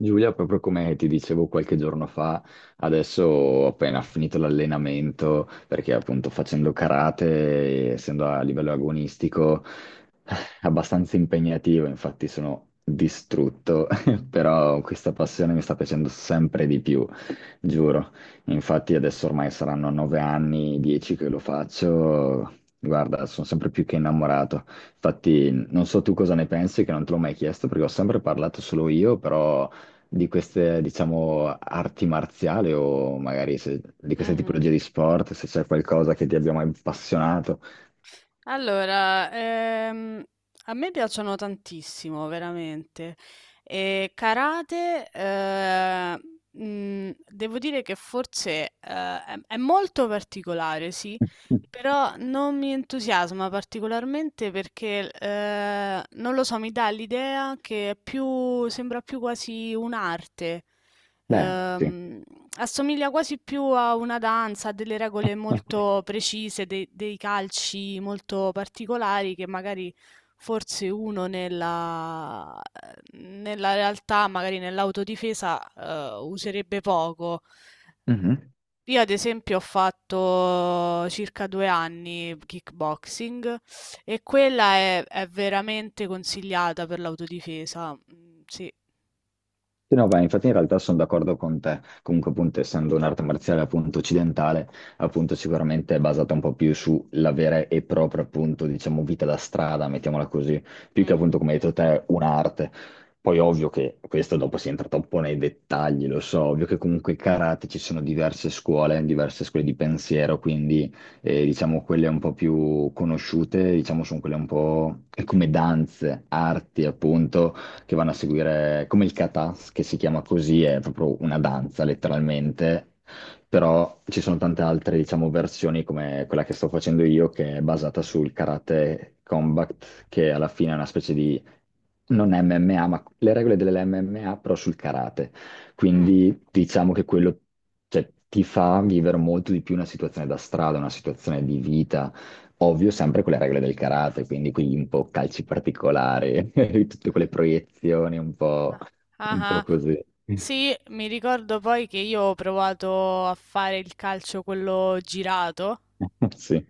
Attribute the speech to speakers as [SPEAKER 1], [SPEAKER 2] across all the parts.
[SPEAKER 1] Giulia, proprio come ti dicevo qualche giorno fa, adesso ho appena finito l'allenamento perché appunto facendo karate, essendo a livello agonistico, è abbastanza impegnativo, infatti sono distrutto, però questa passione mi
[SPEAKER 2] Ah.
[SPEAKER 1] sta piacendo sempre di più. Giuro, infatti adesso ormai saranno 9 anni, 10 che lo faccio, guarda, sono sempre più che innamorato. Infatti non so tu cosa ne pensi, che non te l'ho mai chiesto perché ho sempre parlato solo io, però di queste, diciamo, arti marziali o magari di queste
[SPEAKER 2] Mh-mh.
[SPEAKER 1] tipologie di sport, se c'è qualcosa che ti abbia mai appassionato.
[SPEAKER 2] Allora, a me piacciono tantissimo, veramente. E karate, devo dire che forse, è molto particolare, sì. Però non mi entusiasma particolarmente perché non lo so, mi dà l'idea che sembra più quasi un'arte.
[SPEAKER 1] Beh, sì.
[SPEAKER 2] Ehm, Assomiglia quasi più a una danza, a delle regole molto precise, dei calci molto particolari che magari forse uno nella realtà, magari nell'autodifesa, userebbe poco.
[SPEAKER 1] Mhm.
[SPEAKER 2] Io ad esempio ho fatto circa due anni kickboxing e quella è veramente consigliata per l'autodifesa. Mm. Sì.
[SPEAKER 1] Sì, no, beh, infatti in realtà sono d'accordo con te. Comunque, appunto, essendo un'arte marziale appunto occidentale, appunto sicuramente è basata un po' più sulla vera e propria, appunto, diciamo, vita da strada, mettiamola così, più che appunto,
[SPEAKER 2] Mhm,
[SPEAKER 1] come hai detto te, un'arte. Poi ovvio che questo dopo si entra troppo nei dettagli, lo so, ovvio che comunque il karate ci sono diverse scuole di pensiero, quindi diciamo quelle un po' più conosciute, diciamo sono quelle un po' come danze, arti appunto, che vanno a seguire come il kata, che si chiama così, è proprio una danza letteralmente, però ci sono tante
[SPEAKER 2] mhm.
[SPEAKER 1] altre, diciamo, versioni come quella che sto facendo io, che è basata sul karate combat, che alla fine è una specie di, non MMA, ma le regole dell'MMA, però sul karate.
[SPEAKER 2] Mm.
[SPEAKER 1] Quindi diciamo che quello, cioè, ti fa vivere molto di più una situazione da strada, una situazione di vita. Ovvio, sempre con le regole del karate, quindi qui un po' calci particolari, tutte quelle proiezioni
[SPEAKER 2] Ah,
[SPEAKER 1] un
[SPEAKER 2] ah,
[SPEAKER 1] po'
[SPEAKER 2] ah.
[SPEAKER 1] così.
[SPEAKER 2] Sì, mi ricordo poi che io ho provato a fare il calcio quello girato
[SPEAKER 1] Sì.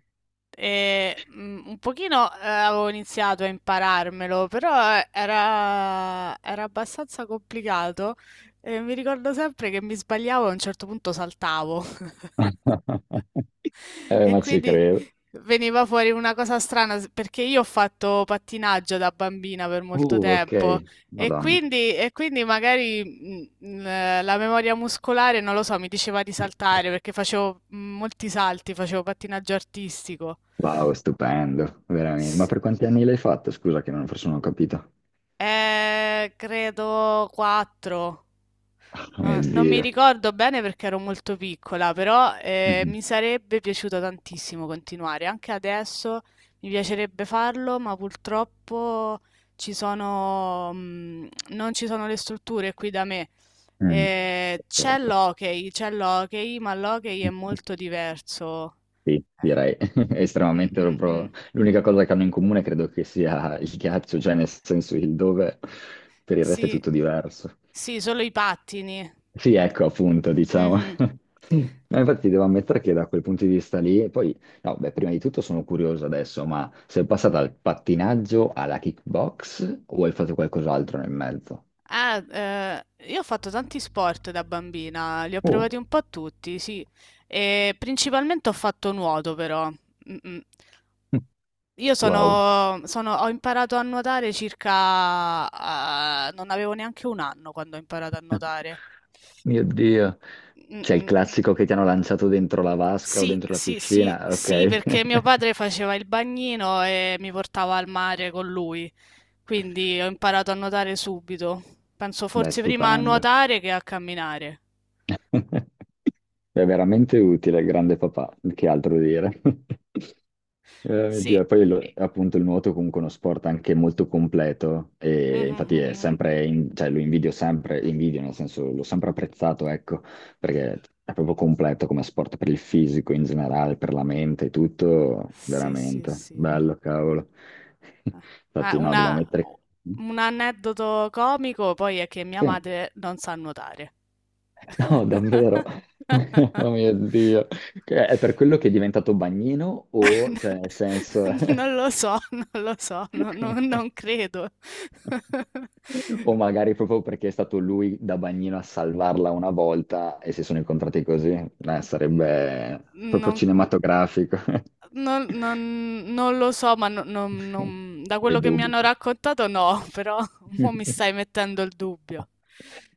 [SPEAKER 2] e, un pochino avevo iniziato a impararmelo, però era abbastanza complicato. E mi ricordo sempre che mi sbagliavo e a un certo punto saltavo. E
[SPEAKER 1] Ma ci
[SPEAKER 2] quindi
[SPEAKER 1] credo.
[SPEAKER 2] veniva fuori una cosa strana perché io ho fatto pattinaggio da bambina per molto tempo
[SPEAKER 1] Ok, Madonna.
[SPEAKER 2] e quindi magari la memoria muscolare, non lo so, mi diceva di saltare perché facevo molti salti, facevo pattinaggio artistico.
[SPEAKER 1] Wow, stupendo, veramente. Ma
[SPEAKER 2] Sì.
[SPEAKER 1] per quanti anni l'hai fatto? Scusa che non, forse non ho capito.
[SPEAKER 2] Credo 4.
[SPEAKER 1] Oh, mio
[SPEAKER 2] Non mi
[SPEAKER 1] Dio.
[SPEAKER 2] ricordo bene perché ero molto piccola, però
[SPEAKER 1] Mhm.
[SPEAKER 2] mi sarebbe piaciuto tantissimo continuare. Anche adesso mi piacerebbe farlo, ma purtroppo non ci sono le strutture qui da me.
[SPEAKER 1] Mm. Certo.
[SPEAKER 2] C'è l'hockey, ma l'hockey è molto diverso.
[SPEAKER 1] Sì, direi
[SPEAKER 2] Mm,
[SPEAKER 1] estremamente
[SPEAKER 2] mm, mm.
[SPEAKER 1] proprio. L'unica cosa che hanno in comune credo che sia il ghiaccio, cioè nel senso il dove, per il resto è
[SPEAKER 2] Sì,
[SPEAKER 1] tutto diverso.
[SPEAKER 2] sì, solo i pattini.
[SPEAKER 1] Sì, ecco appunto, diciamo.
[SPEAKER 2] Mhm.
[SPEAKER 1] No, infatti devo ammettere che da quel punto di vista lì, e poi, no, beh, prima di tutto sono curioso adesso, ma sei passata dal pattinaggio alla kickbox o hai fatto qualcos'altro nel mezzo?
[SPEAKER 2] Ah, eh, io ho fatto tanti sport da bambina, li ho
[SPEAKER 1] Oh,
[SPEAKER 2] provati un po' tutti, sì, e principalmente ho fatto nuoto però. Mm-mm.
[SPEAKER 1] wow.
[SPEAKER 2] Ho imparato a nuotare circa... ah, non avevo neanche un anno quando ho imparato a nuotare.
[SPEAKER 1] Mio Dio. C'è il
[SPEAKER 2] Mm-mm.
[SPEAKER 1] classico che ti hanno lanciato dentro la vasca o
[SPEAKER 2] Sì,
[SPEAKER 1] dentro la
[SPEAKER 2] sì, sì,
[SPEAKER 1] piscina,
[SPEAKER 2] sì,
[SPEAKER 1] ok.
[SPEAKER 2] perché mio padre faceva il bagnino e mi portava al mare con lui, quindi ho imparato a nuotare subito. Penso
[SPEAKER 1] Beh,
[SPEAKER 2] forse prima a
[SPEAKER 1] stupendo.
[SPEAKER 2] nuotare che a camminare.
[SPEAKER 1] È veramente utile, grande papà, che altro dire. Mio
[SPEAKER 2] Sì.
[SPEAKER 1] Dio. Poi appunto il nuoto è comunque uno sport anche molto completo
[SPEAKER 2] Mh,
[SPEAKER 1] e
[SPEAKER 2] mh,
[SPEAKER 1] infatti
[SPEAKER 2] mh,
[SPEAKER 1] è
[SPEAKER 2] mh.
[SPEAKER 1] sempre, cioè lo invidio sempre, invidio nel senso l'ho sempre apprezzato, ecco, perché è proprio completo come sport per il fisico in generale, per la mente, tutto,
[SPEAKER 2] Sì, sì,
[SPEAKER 1] veramente,
[SPEAKER 2] sì.
[SPEAKER 1] bello, cavolo.
[SPEAKER 2] Ah,
[SPEAKER 1] Infatti no,
[SPEAKER 2] una
[SPEAKER 1] devo mettere...
[SPEAKER 2] o un aneddoto comico poi è che mia
[SPEAKER 1] Sì.
[SPEAKER 2] madre non sa nuotare.
[SPEAKER 1] No, davvero. Oh mio Dio. È per quello che è diventato bagnino o, cioè, nel senso...
[SPEAKER 2] Non lo so, non lo so, no, no, non credo.
[SPEAKER 1] O magari proprio perché è stato lui da bagnino a salvarla una volta e si sono incontrati così. Sarebbe proprio
[SPEAKER 2] Non
[SPEAKER 1] cinematografico.
[SPEAKER 2] non non lo so, ma no, non non da
[SPEAKER 1] Dei
[SPEAKER 2] quello che mi
[SPEAKER 1] dubbi.
[SPEAKER 2] hanno raccontato no, però mo' mi stai mettendo il dubbio.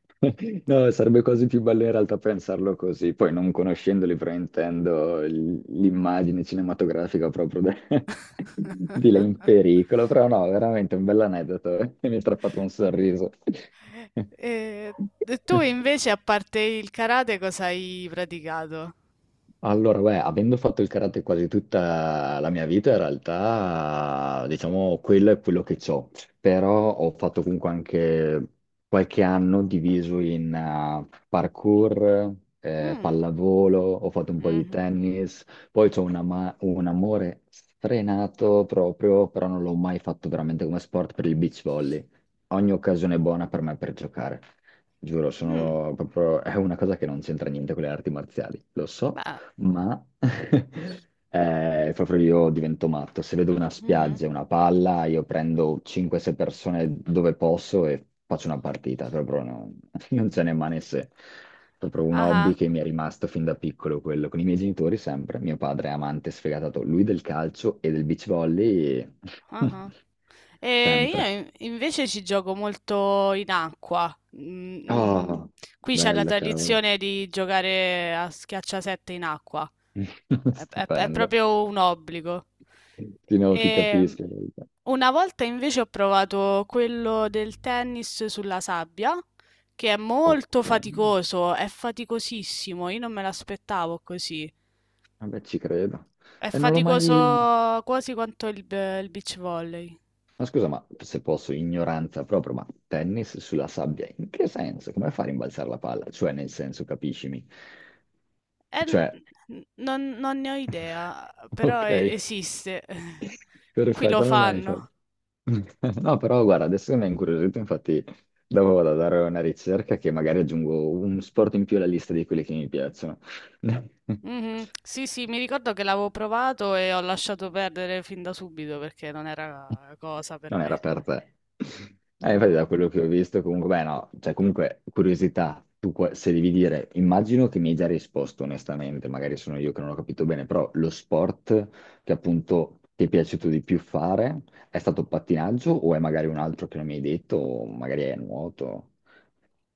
[SPEAKER 1] No, sarebbe quasi più bello in realtà pensarlo così, poi non conoscendoli fraintendo l'immagine cinematografica proprio di lei in pericolo, però no, veramente un bell'aneddoto, mi ha fatto un sorriso.
[SPEAKER 2] E tu invece, a parte il karate, cosa hai praticato?
[SPEAKER 1] Allora, beh, avendo fatto il karate quasi tutta la mia vita, in realtà, diciamo, quello è quello che ho. Però ho fatto comunque anche qualche anno diviso in parkour,
[SPEAKER 2] Mm,
[SPEAKER 1] pallavolo, ho fatto un po' di
[SPEAKER 2] mhm,
[SPEAKER 1] tennis, poi ho un amore sfrenato proprio, però non l'ho mai fatto veramente come sport per il beach volley. Ogni occasione è buona per me per giocare. Giuro,
[SPEAKER 2] mm,
[SPEAKER 1] sono proprio... è una cosa che non c'entra niente con le arti marziali, lo so,
[SPEAKER 2] beh,
[SPEAKER 1] ma proprio io divento matto. Se vedo una
[SPEAKER 2] mhm,
[SPEAKER 1] spiaggia, una palla, io prendo 5-6 persone dove posso e faccio una partita. Proprio non, non ce n'è mani se. Proprio un
[SPEAKER 2] aha,
[SPEAKER 1] hobby che mi è rimasto fin da piccolo, quello con i miei genitori sempre. Mio padre è amante sfegatato, lui del calcio e del beach volley,
[SPEAKER 2] aha. E
[SPEAKER 1] sempre.
[SPEAKER 2] invece ci gioco molto in acqua. Mm, mm.
[SPEAKER 1] Oh,
[SPEAKER 2] Qui c'è la
[SPEAKER 1] bello, cavolo.
[SPEAKER 2] tradizione di giocare a schiacciasette in acqua. È
[SPEAKER 1] Stupendo.
[SPEAKER 2] proprio un obbligo.
[SPEAKER 1] Sì, no, ti
[SPEAKER 2] E
[SPEAKER 1] capisco. In verità.
[SPEAKER 2] una volta invece ho provato quello del tennis sulla sabbia, che è molto
[SPEAKER 1] Ok.
[SPEAKER 2] faticoso, è faticosissimo, io non me l'aspettavo così.
[SPEAKER 1] Vabbè, ci credo.
[SPEAKER 2] È
[SPEAKER 1] E non l'ho mai...
[SPEAKER 2] faticoso quasi quanto il beach volley.
[SPEAKER 1] Ma scusa, ma se posso, ignoranza proprio, ma tennis sulla sabbia, in che senso? Come fare a rimbalzare la palla? Cioè, nel senso, capiscimi.
[SPEAKER 2] Eh,
[SPEAKER 1] Cioè,
[SPEAKER 2] non ne ho idea, però
[SPEAKER 1] ok,
[SPEAKER 2] esiste. Qui lo
[SPEAKER 1] perfetto, non hai fatto.
[SPEAKER 2] fanno.
[SPEAKER 1] No, però guarda, adesso mi ha incuriosito, infatti dopo vado a dare una ricerca che magari aggiungo un sport in più alla lista di quelli che mi piacciono.
[SPEAKER 2] Mhm. Sì, sì, mi ricordo che l'avevo provato e ho lasciato perdere fin da subito perché non era cosa per
[SPEAKER 1] Non era
[SPEAKER 2] me.
[SPEAKER 1] per te. Infatti da
[SPEAKER 2] No,
[SPEAKER 1] quello che ho visto, comunque, beh no, cioè comunque curiosità, tu se devi dire, immagino che mi hai già risposto onestamente, magari sono io che non ho capito bene, però lo sport che appunto ti è piaciuto di più fare è stato pattinaggio o è magari un altro che non mi hai detto, o magari è nuoto?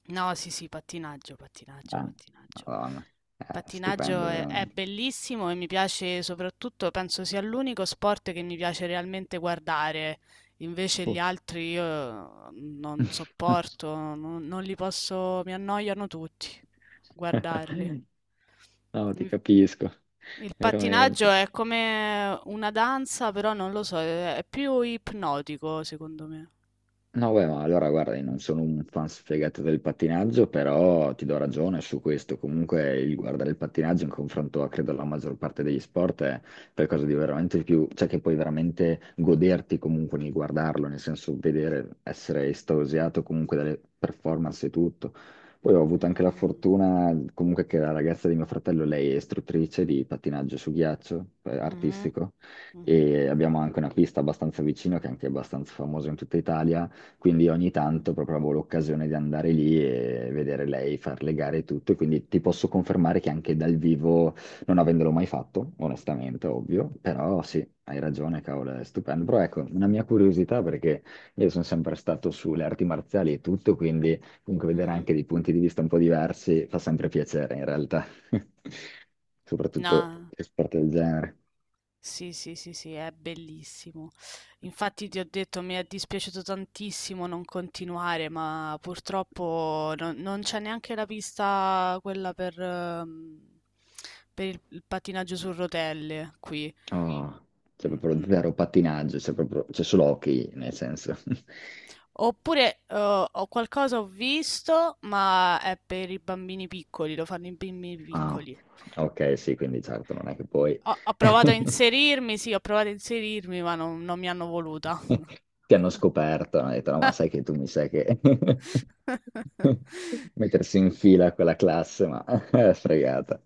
[SPEAKER 2] no, sì, sì, pattinaggio, pattinaggio,
[SPEAKER 1] Ah,
[SPEAKER 2] pattinaggio.
[SPEAKER 1] Madonna, è stupendo
[SPEAKER 2] È
[SPEAKER 1] veramente.
[SPEAKER 2] bellissimo e mi piace soprattutto, penso sia l'unico sport che mi piace realmente guardare. Invece
[SPEAKER 1] Uh.
[SPEAKER 2] gli altri io non sopporto, non li posso, mi annoiano tutti guardarli.
[SPEAKER 1] No, ti capisco,
[SPEAKER 2] Il pattinaggio
[SPEAKER 1] veramente.
[SPEAKER 2] è come una danza, però non lo so, è più ipnotico secondo me.
[SPEAKER 1] No, beh, ma allora guarda, io non sono un fan sfegato del pattinaggio, però ti do ragione su questo. Comunque il guardare il pattinaggio in confronto a, credo, alla maggior parte degli sport è qualcosa di veramente più, cioè che puoi veramente goderti comunque nel guardarlo, nel senso vedere, essere estasiato comunque dalle performance e tutto. Poi ho avuto anche la
[SPEAKER 2] Mh-mh,
[SPEAKER 1] fortuna comunque che la ragazza di mio fratello, lei è istruttrice di pattinaggio su ghiaccio,
[SPEAKER 2] mh-mh,
[SPEAKER 1] artistico, e abbiamo anche una pista abbastanza vicina che è anche abbastanza famosa in tutta Italia quindi ogni tanto proprio avevo l'occasione di andare lì e vedere lei far le gare e tutto, e quindi ti posso confermare che anche dal vivo, non avendolo mai fatto, onestamente, ovvio, però sì, hai ragione, cavolo, è stupendo. Però ecco, una mia curiosità perché io sono sempre stato sulle arti marziali e tutto, quindi comunque vedere
[SPEAKER 2] mh-mh.
[SPEAKER 1] anche dei punti di vista un po' diversi fa sempre piacere in realtà, soprattutto
[SPEAKER 2] No,
[SPEAKER 1] sport del genere.
[SPEAKER 2] sì, sì, sì, sì, è bellissimo. Infatti ti ho detto, mi è dispiaciuto tantissimo non continuare, ma purtroppo non c'è neanche la pista quella per il pattinaggio su rotelle qui.
[SPEAKER 1] Oh, c'è
[SPEAKER 2] Mm,
[SPEAKER 1] proprio
[SPEAKER 2] mm.
[SPEAKER 1] zero pattinaggio, c'è proprio, c'è solo hockey, nel senso.
[SPEAKER 2] Oppure ho qualcosa ho visto, ma è per i bambini piccoli, lo fanno i bambini
[SPEAKER 1] Ah,
[SPEAKER 2] piccoli.
[SPEAKER 1] ok, sì, quindi certo, non è che poi
[SPEAKER 2] Ho provato a inserirmi, sì, ho provato a inserirmi, ma non mi hanno voluta.
[SPEAKER 1] ti hanno scoperto, hanno detto, no, ma sai che tu mi sai che mettersi in fila a quella classe, ma è fregata.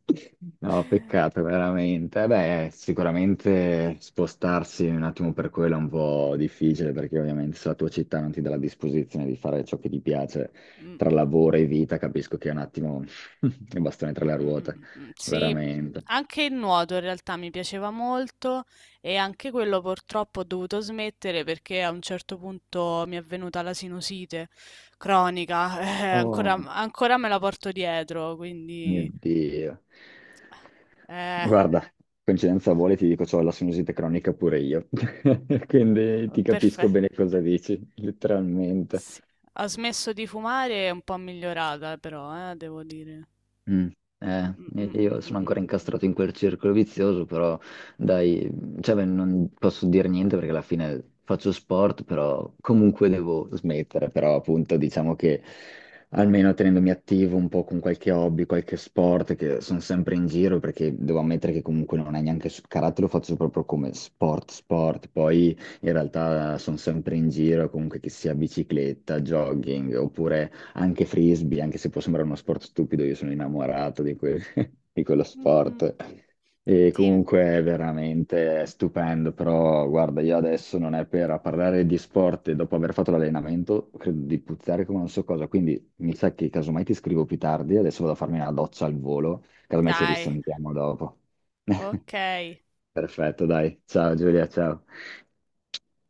[SPEAKER 1] No, peccato, veramente. Eh, beh, sicuramente spostarsi un attimo per quello è un po' difficile, perché ovviamente se la tua città non ti dà la disposizione di fare ciò che ti piace
[SPEAKER 2] Mm,
[SPEAKER 1] tra
[SPEAKER 2] mm.
[SPEAKER 1] lavoro e vita, capisco che è un attimo il bastone tra
[SPEAKER 2] Mm,
[SPEAKER 1] le
[SPEAKER 2] mm, mm,
[SPEAKER 1] ruote,
[SPEAKER 2] mm, mm. Sì,
[SPEAKER 1] veramente.
[SPEAKER 2] anche il nuoto in realtà mi piaceva molto e anche quello purtroppo ho dovuto smettere perché a un certo punto mi è venuta la sinusite cronica,
[SPEAKER 1] Oh.
[SPEAKER 2] ancora me la porto dietro,
[SPEAKER 1] Mio
[SPEAKER 2] quindi
[SPEAKER 1] Dio.
[SPEAKER 2] eh,
[SPEAKER 1] Guarda, coincidenza vuole, ti dico, c'ho la sinusite cronica pure io. Quindi ti capisco bene
[SPEAKER 2] perfetto.
[SPEAKER 1] cosa dici, letteralmente.
[SPEAKER 2] Sì. Ho smesso di fumare, è un po' migliorata però, devo dire.
[SPEAKER 1] Mm, eh,
[SPEAKER 2] Mm, mm, mm,
[SPEAKER 1] io
[SPEAKER 2] mm,
[SPEAKER 1] sono
[SPEAKER 2] mm.
[SPEAKER 1] ancora incastrato in quel circolo vizioso, però dai, cioè, beh, non posso dire niente perché alla fine faccio sport, però comunque devo smettere, però appunto diciamo che almeno tenendomi attivo un po' con qualche hobby, qualche sport, che sono sempre in giro perché devo ammettere che comunque non è neanche karate, lo faccio proprio come sport, sport, poi in realtà sono sempre in giro, comunque che sia bicicletta, jogging oppure anche frisbee, anche se può sembrare uno sport stupido, io sono innamorato di, di quello
[SPEAKER 2] Mhm.
[SPEAKER 1] sport. E
[SPEAKER 2] Sì,
[SPEAKER 1] comunque è veramente stupendo, però guarda, io adesso non è per a parlare di sport e dopo aver fatto l'allenamento, credo di puzzare come non so cosa, quindi mi sa che casomai ti scrivo più tardi, adesso vado a farmi una doccia al volo, casomai ci
[SPEAKER 2] dai,
[SPEAKER 1] risentiamo dopo.
[SPEAKER 2] ok.
[SPEAKER 1] Perfetto, dai, ciao Giulia, ciao.